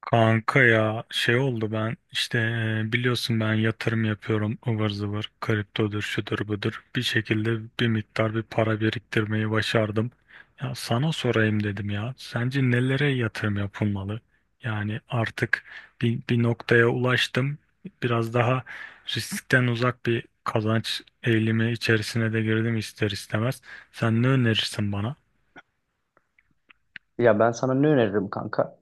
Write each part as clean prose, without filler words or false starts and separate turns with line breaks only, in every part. Kanka ya şey oldu ben işte biliyorsun ben yatırım yapıyorum ıvır zıvır kriptodur şudur budur bir şekilde bir miktar bir para biriktirmeyi başardım. Ya sana sorayım dedim, ya sence nelere yatırım yapılmalı? Yani artık bir noktaya ulaştım, biraz daha riskten uzak bir kazanç eğilimi içerisine de girdim ister istemez. Sen ne önerirsin bana?
Ya ben sana ne öneririm kanka?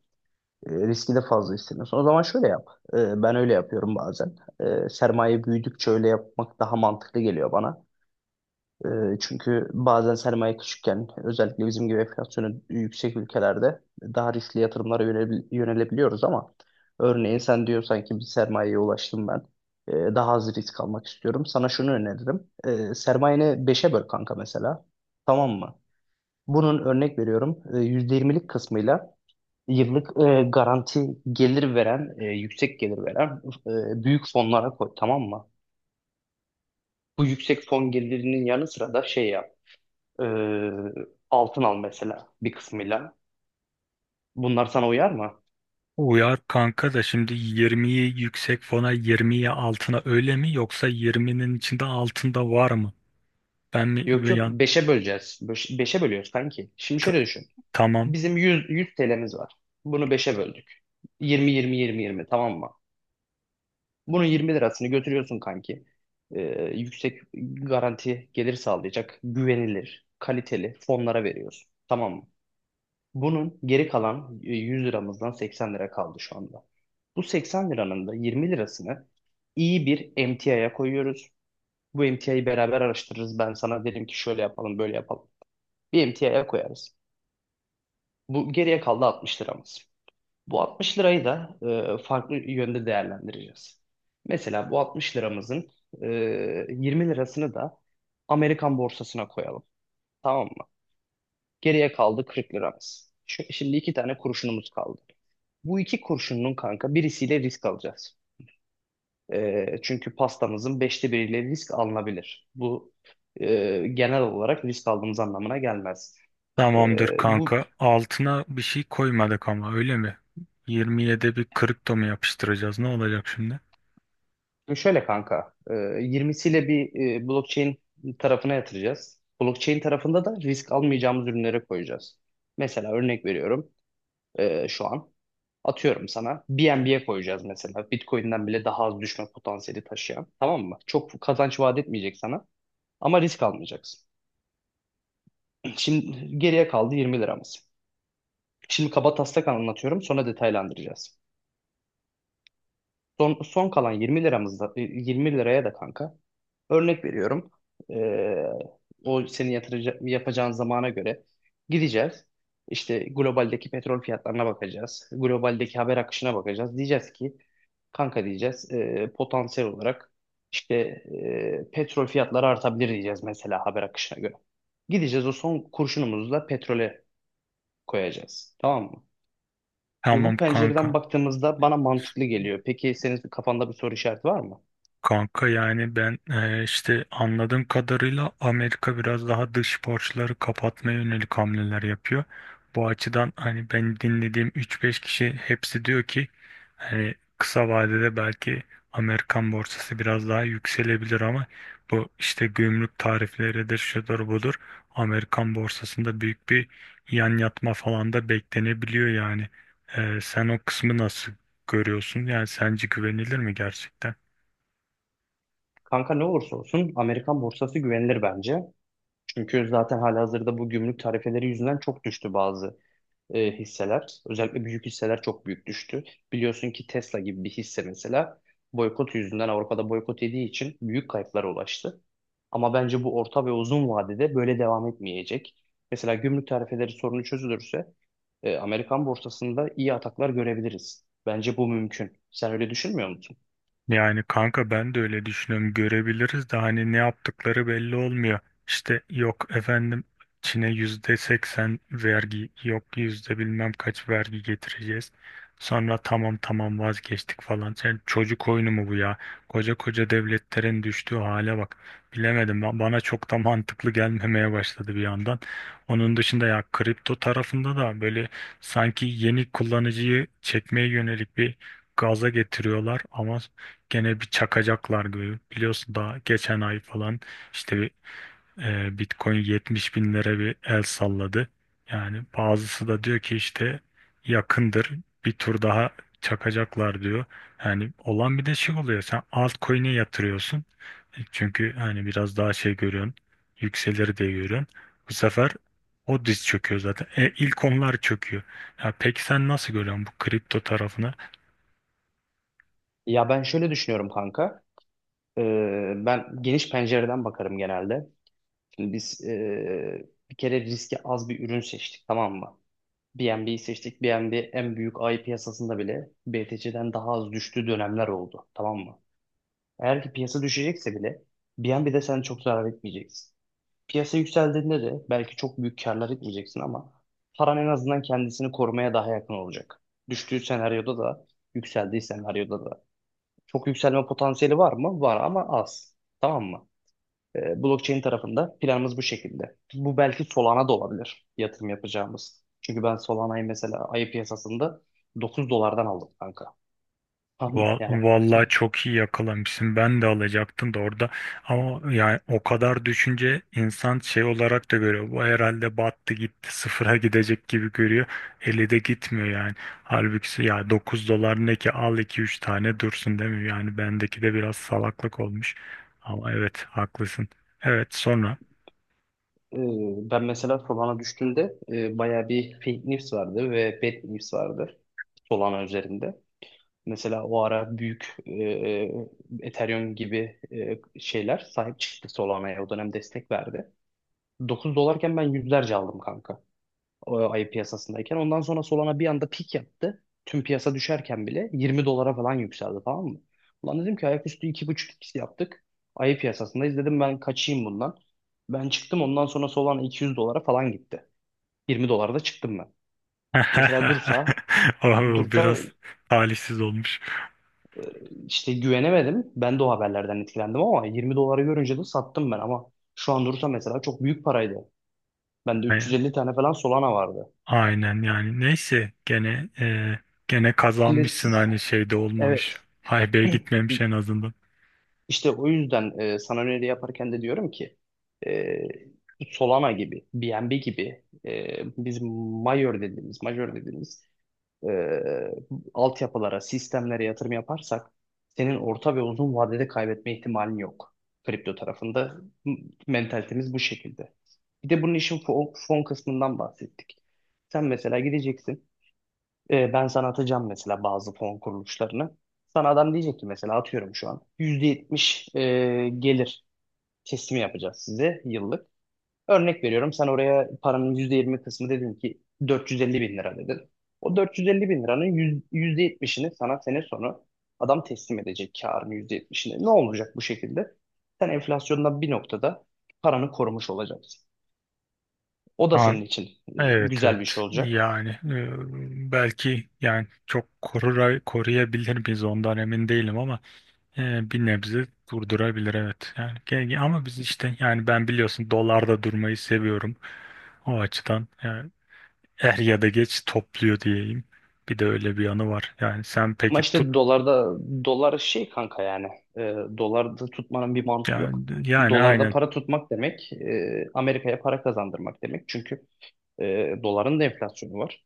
Riski de fazla istemiyorsun. O zaman şöyle yap. Ben öyle yapıyorum bazen. Sermaye büyüdükçe öyle yapmak daha mantıklı geliyor bana. E, çünkü bazen sermaye küçükken özellikle bizim gibi enflasyonu yüksek ülkelerde daha riskli yatırımlara yönelebiliyoruz ama örneğin sen diyorsan ki bir sermayeye ulaştım ben. Daha az risk almak istiyorum. Sana şunu öneririm. Sermayeni beşe böl kanka mesela. Tamam mı? Bunun örnek veriyorum. %20'lik kısmıyla yıllık garanti gelir veren, yüksek gelir veren, büyük fonlara koy, tamam mı? Bu yüksek fon gelirinin yanı sıra da şey yap, e, altın al mesela bir kısmıyla. Bunlar sana uyar mı?
Uyar kanka da, şimdi 20'yi yüksek fona, 20'yi altına öyle mi, yoksa 20'nin içinde altında var mı? Ben
Yok
mi
yok,
yani?
beşe böleceğiz. Beşe bölüyoruz kanki. Şimdi
t-
şöyle düşün.
tamam.
Bizim 100 TL'miz var. Bunu beşe böldük. 20, 20, 20, 20, tamam mı? Bunun 20 lirasını götürüyorsun kanki. E, yüksek garanti gelir sağlayacak, güvenilir, kaliteli fonlara veriyorsun. Tamam mı? Bunun geri kalan 100 liramızdan 80 lira kaldı şu anda. Bu 80 liranın da 20 lirasını iyi bir emtiaya koyuyoruz. Bu emtiayı beraber araştırırız. Ben sana derim ki şöyle yapalım, böyle yapalım. Bir emtiaya koyarız. Bu geriye kaldı 60 liramız. Bu 60 lirayı da farklı yönde değerlendireceğiz. Mesela bu 60 liramızın e, 20 lirasını da Amerikan borsasına koyalım. Tamam mı? Geriye kaldı 40 liramız. Şimdi iki tane kuruşunumuz kaldı. Bu iki kurşunun kanka birisiyle risk alacağız. Çünkü pastamızın beşte biriyle risk alınabilir. Bu genel olarak risk aldığımız anlamına gelmez.
Tamamdır
Bu
kanka, altına bir şey koymadık ama öyle mi? 20'ye de bir kripto mu yapıştıracağız, ne olacak şimdi?
şöyle kanka, 20'siyle bir blockchain tarafına yatıracağız. Blockchain tarafında da risk almayacağımız ürünlere koyacağız. Mesela örnek veriyorum, şu an atıyorum sana BNB'ye koyacağız mesela. Bitcoin'den bile daha az düşme potansiyeli taşıyan, tamam mı? Çok kazanç vaat etmeyecek sana ama risk almayacaksın. Şimdi geriye kaldı 20 liramız. Şimdi kaba taslak anlatıyorum, sonra detaylandıracağız. Son kalan 20 liramızda 20 liraya da kanka örnek veriyorum. Ee, o senin yapacağın zamana göre gideceğiz. İşte globaldeki petrol fiyatlarına bakacağız. Globaldeki haber akışına bakacağız. Diyeceğiz ki kanka, diyeceğiz potansiyel olarak işte petrol fiyatları artabilir diyeceğiz mesela, haber akışına göre. Gideceğiz, o son kurşunumuzu da petrole koyacağız. Tamam mı? Şimdi
Tamam
bu pencereden
kanka.
baktığımızda bana mantıklı geliyor. Peki senin kafanda bir soru işareti var mı?
Kanka yani ben işte anladığım kadarıyla Amerika biraz daha dış borçları kapatmaya yönelik hamleler yapıyor. Bu açıdan hani ben dinlediğim 3-5 kişi hepsi diyor ki, hani kısa vadede belki Amerikan borsası biraz daha yükselebilir ama bu işte gümrük tarifleridir, şudur budur. Amerikan borsasında büyük bir yan yatma falan da beklenebiliyor yani. Sen o kısmı nasıl görüyorsun? Yani sence güvenilir mi gerçekten?
Kanka, ne olursa olsun Amerikan borsası güvenilir bence. Çünkü zaten halihazırda bu gümrük tarifeleri yüzünden çok düştü bazı hisseler. Özellikle büyük hisseler çok büyük düştü. Biliyorsun ki Tesla gibi bir hisse mesela boykot yüzünden Avrupa'da boykot yediği için büyük kayıplara ulaştı. Ama bence bu orta ve uzun vadede böyle devam etmeyecek. Mesela gümrük tarifeleri sorunu çözülürse Amerikan borsasında iyi ataklar görebiliriz. Bence bu mümkün. Sen öyle düşünmüyor musun?
Yani kanka ben de öyle düşünüyorum. Görebiliriz de hani ne yaptıkları belli olmuyor. İşte yok efendim Çin'e %80 vergi, yok yüzde bilmem kaç vergi getireceğiz. Sonra tamam tamam vazgeçtik falan. Sen çocuk oyunu mu bu ya? Koca koca devletlerin düştüğü hale bak. Bilemedim, bana çok da mantıklı gelmemeye başladı bir yandan. Onun dışında ya kripto tarafında da böyle sanki yeni kullanıcıyı çekmeye yönelik bir gaza getiriyorlar ama gene bir çakacaklar gibi. Biliyorsun daha geçen ay falan işte bir, Bitcoin 70 binlere bir el salladı. Yani bazısı da diyor ki işte yakındır, bir tur daha çakacaklar diyor. Yani olan bir de şey oluyor, sen altcoin'e yatırıyorsun. Çünkü hani biraz daha şey görüyorsun, yükselir diye görüyorsun. Bu sefer o diz çöküyor zaten. E, ilk onlar çöküyor. Ya peki sen nasıl görüyorsun bu kripto tarafını?
Ya ben şöyle düşünüyorum kanka. E, ben geniş pencereden bakarım genelde. Şimdi biz bir kere riski az bir ürün seçtik, tamam mı? BNB'yi seçtik. BNB en büyük ay piyasasında bile BTC'den daha az düştüğü dönemler oldu. Tamam mı? Eğer ki piyasa düşecekse bile BNB'de sen çok zarar etmeyeceksin. Piyasa yükseldiğinde de belki çok büyük karlar etmeyeceksin ama paran en azından kendisini korumaya daha yakın olacak. Düştüğü senaryoda da, yükseldiği senaryoda da. Çok yükselme potansiyeli var mı? Var ama az. Tamam mı? Blockchain tarafında planımız bu şekilde. Bu belki Solana da olabilir yatırım yapacağımız. Çünkü ben Solana'yı mesela ayı piyasasında 9 dolardan aldım kanka. Tamam mı? Yani
Vallahi çok iyi yakalamışsın. Ben de alacaktım da orada. Ama yani o kadar düşünce insan şey olarak da görüyor. Bu herhalde battı gitti, sıfıra gidecek gibi görüyor. Eli de gitmiyor yani. Halbuki ya 9 dolar ne ki, al iki üç tane dursun değil mi? Yani bendeki de biraz salaklık olmuş. Ama evet haklısın. Evet, sonra.
ben mesela Solana düştüğünde bayağı bir fake news vardı ve bad news vardı Solana üzerinde. Mesela o ara büyük Ethereum gibi şeyler sahip çıktı Solana'ya. O dönem destek verdi. 9 dolarken ben yüzlerce aldım kanka. O ayı piyasasındayken. Ondan sonra Solana bir anda pik yaptı. Tüm piyasa düşerken bile 20 dolara falan yükseldi, tamam mı? Ulan dedim ki ayaküstü iki buçuk x yaptık. Ayı piyasasındayız. Dedim ben kaçayım bundan. Ben çıktım, ondan sonra Solana 200 dolara falan gitti. 20 dolarda çıktım ben. Mesela dursa
O
dursa
biraz talihsiz olmuş.
İşte güvenemedim. Ben de o haberlerden etkilendim ama 20 dolara görünce de sattım ben, ama şu an dursa mesela çok büyük paraydı. Bende 350 tane falan Solana vardı.
Aynen yani, neyse, gene
Şimdi
kazanmışsın,
siz-
hani şeyde olmamış.
evet,
Haybeye gitmemiş en azından.
işte o yüzden sana öneri yaparken de diyorum ki e, Solana gibi, BNB gibi, biz Major dediğimiz, e, altyapılara, sistemlere yatırım yaparsak senin orta ve uzun vadede kaybetme ihtimalin yok. Kripto tarafında m- mentalitemiz bu şekilde. Bir de bunun işin fon kısmından bahsettik. Sen mesela gideceksin. Ben sana atacağım mesela bazı fon kuruluşlarını. Sana adam diyecek ki mesela atıyorum şu an, %70 gelir teslimi yapacağız size yıllık. Örnek veriyorum, sen oraya paranın %20 kısmı dedin ki 450 bin lira dedin. O 450 bin liranın %70'ini sana sene sonu adam teslim edecek, karın %70'ini. Ne olacak bu şekilde? Sen enflasyondan bir noktada paranı korumuş olacaksın. O da
Ha,
senin için
evet
güzel bir şey
evet
olacak.
yani, belki yani çok koruyabilir miyiz ondan emin değilim ama bir nebze durdurabilir, evet. Yani ama biz işte, yani ben biliyorsun dolarda durmayı seviyorum, o açıdan yani er ya da geç topluyor diyeyim. Bir de öyle bir yanı var. Yani sen
Ama
peki tut.
işte dolarda, dolar şey kanka yani, e, dolarda tutmanın bir mantığı yok.
Yani
Dolarda
aynen.
para tutmak demek Amerika'ya para kazandırmak demek. Çünkü doların da enflasyonu var.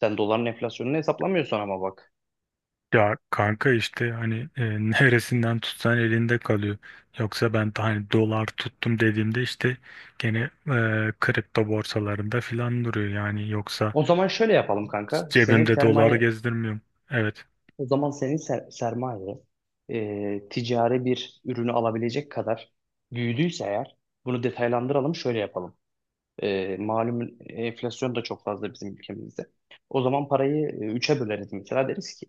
Sen doların enflasyonunu hesaplamıyorsun ama bak.
Ya kanka, işte hani neresinden tutsan elinde kalıyor. Yoksa ben de hani dolar tuttum dediğimde işte gene kripto borsalarında filan duruyor yani, yoksa
O zaman şöyle yapalım kanka. Senin
cebimde dolar
sermaye,
gezdirmiyorum. Evet,
o zaman senin sermaye ticari bir ürünü alabilecek kadar büyüdüyse eğer, bunu detaylandıralım, şöyle yapalım. Malum enflasyon da çok fazla bizim ülkemizde. O zaman parayı üçe böleriz mesela, deriz ki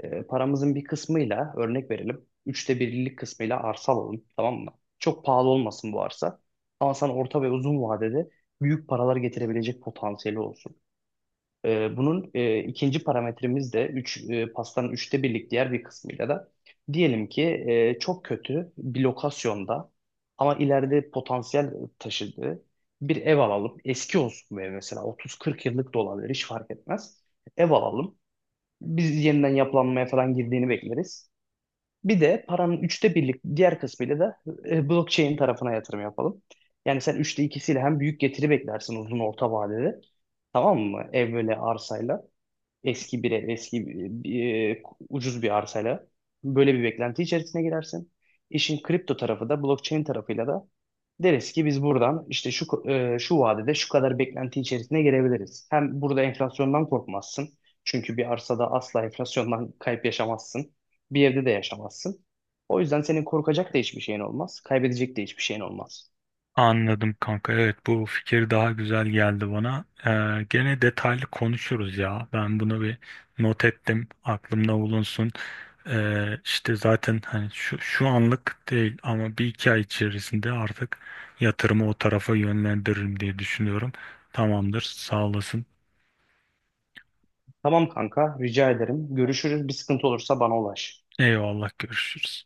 paramızın bir kısmıyla örnek verelim. Üçte birlik kısmıyla arsa alalım, tamam mı? Çok pahalı olmasın bu arsa. Ama sana orta ve uzun vadede büyük paralar getirebilecek potansiyeli olsun. Bunun ikinci parametremiz de 3, pastanın üçte birlik diğer bir kısmıyla da diyelim ki çok kötü bir lokasyonda ama ileride potansiyel taşıdığı bir ev alalım. Eski olsun bu ev, mesela 30-40 yıllık da olabilir, hiç fark etmez. Ev alalım. Biz yeniden yapılanmaya falan girdiğini bekleriz. Bir de paranın üçte birlik diğer kısmıyla da blockchain tarafına yatırım yapalım. Yani sen üçte ikisiyle hem büyük getiri beklersin uzun orta vadede. Tamam mı? Ev böyle arsayla. Eski bir ev, ucuz bir arsayla böyle bir beklenti içerisine girersin. İşin kripto tarafı da blockchain tarafıyla da deriz ki biz buradan işte şu vadede şu kadar beklenti içerisine girebiliriz. Hem burada enflasyondan korkmazsın. Çünkü bir arsada asla enflasyondan kayıp yaşamazsın. Bir evde de yaşamazsın. O yüzden senin korkacak da hiçbir şeyin olmaz. Kaybedecek de hiçbir şeyin olmaz.
anladım kanka, evet, bu fikir daha güzel geldi bana. Gene detaylı konuşuruz ya, ben bunu bir not ettim, aklımda bulunsun. İşte zaten, hani şu anlık değil ama bir iki ay içerisinde artık yatırımı o tarafa yönlendiririm diye düşünüyorum. Tamamdır, sağ olasın.
Tamam kanka, rica ederim. Görüşürüz. Bir sıkıntı olursa bana ulaş.
Eyvallah, görüşürüz.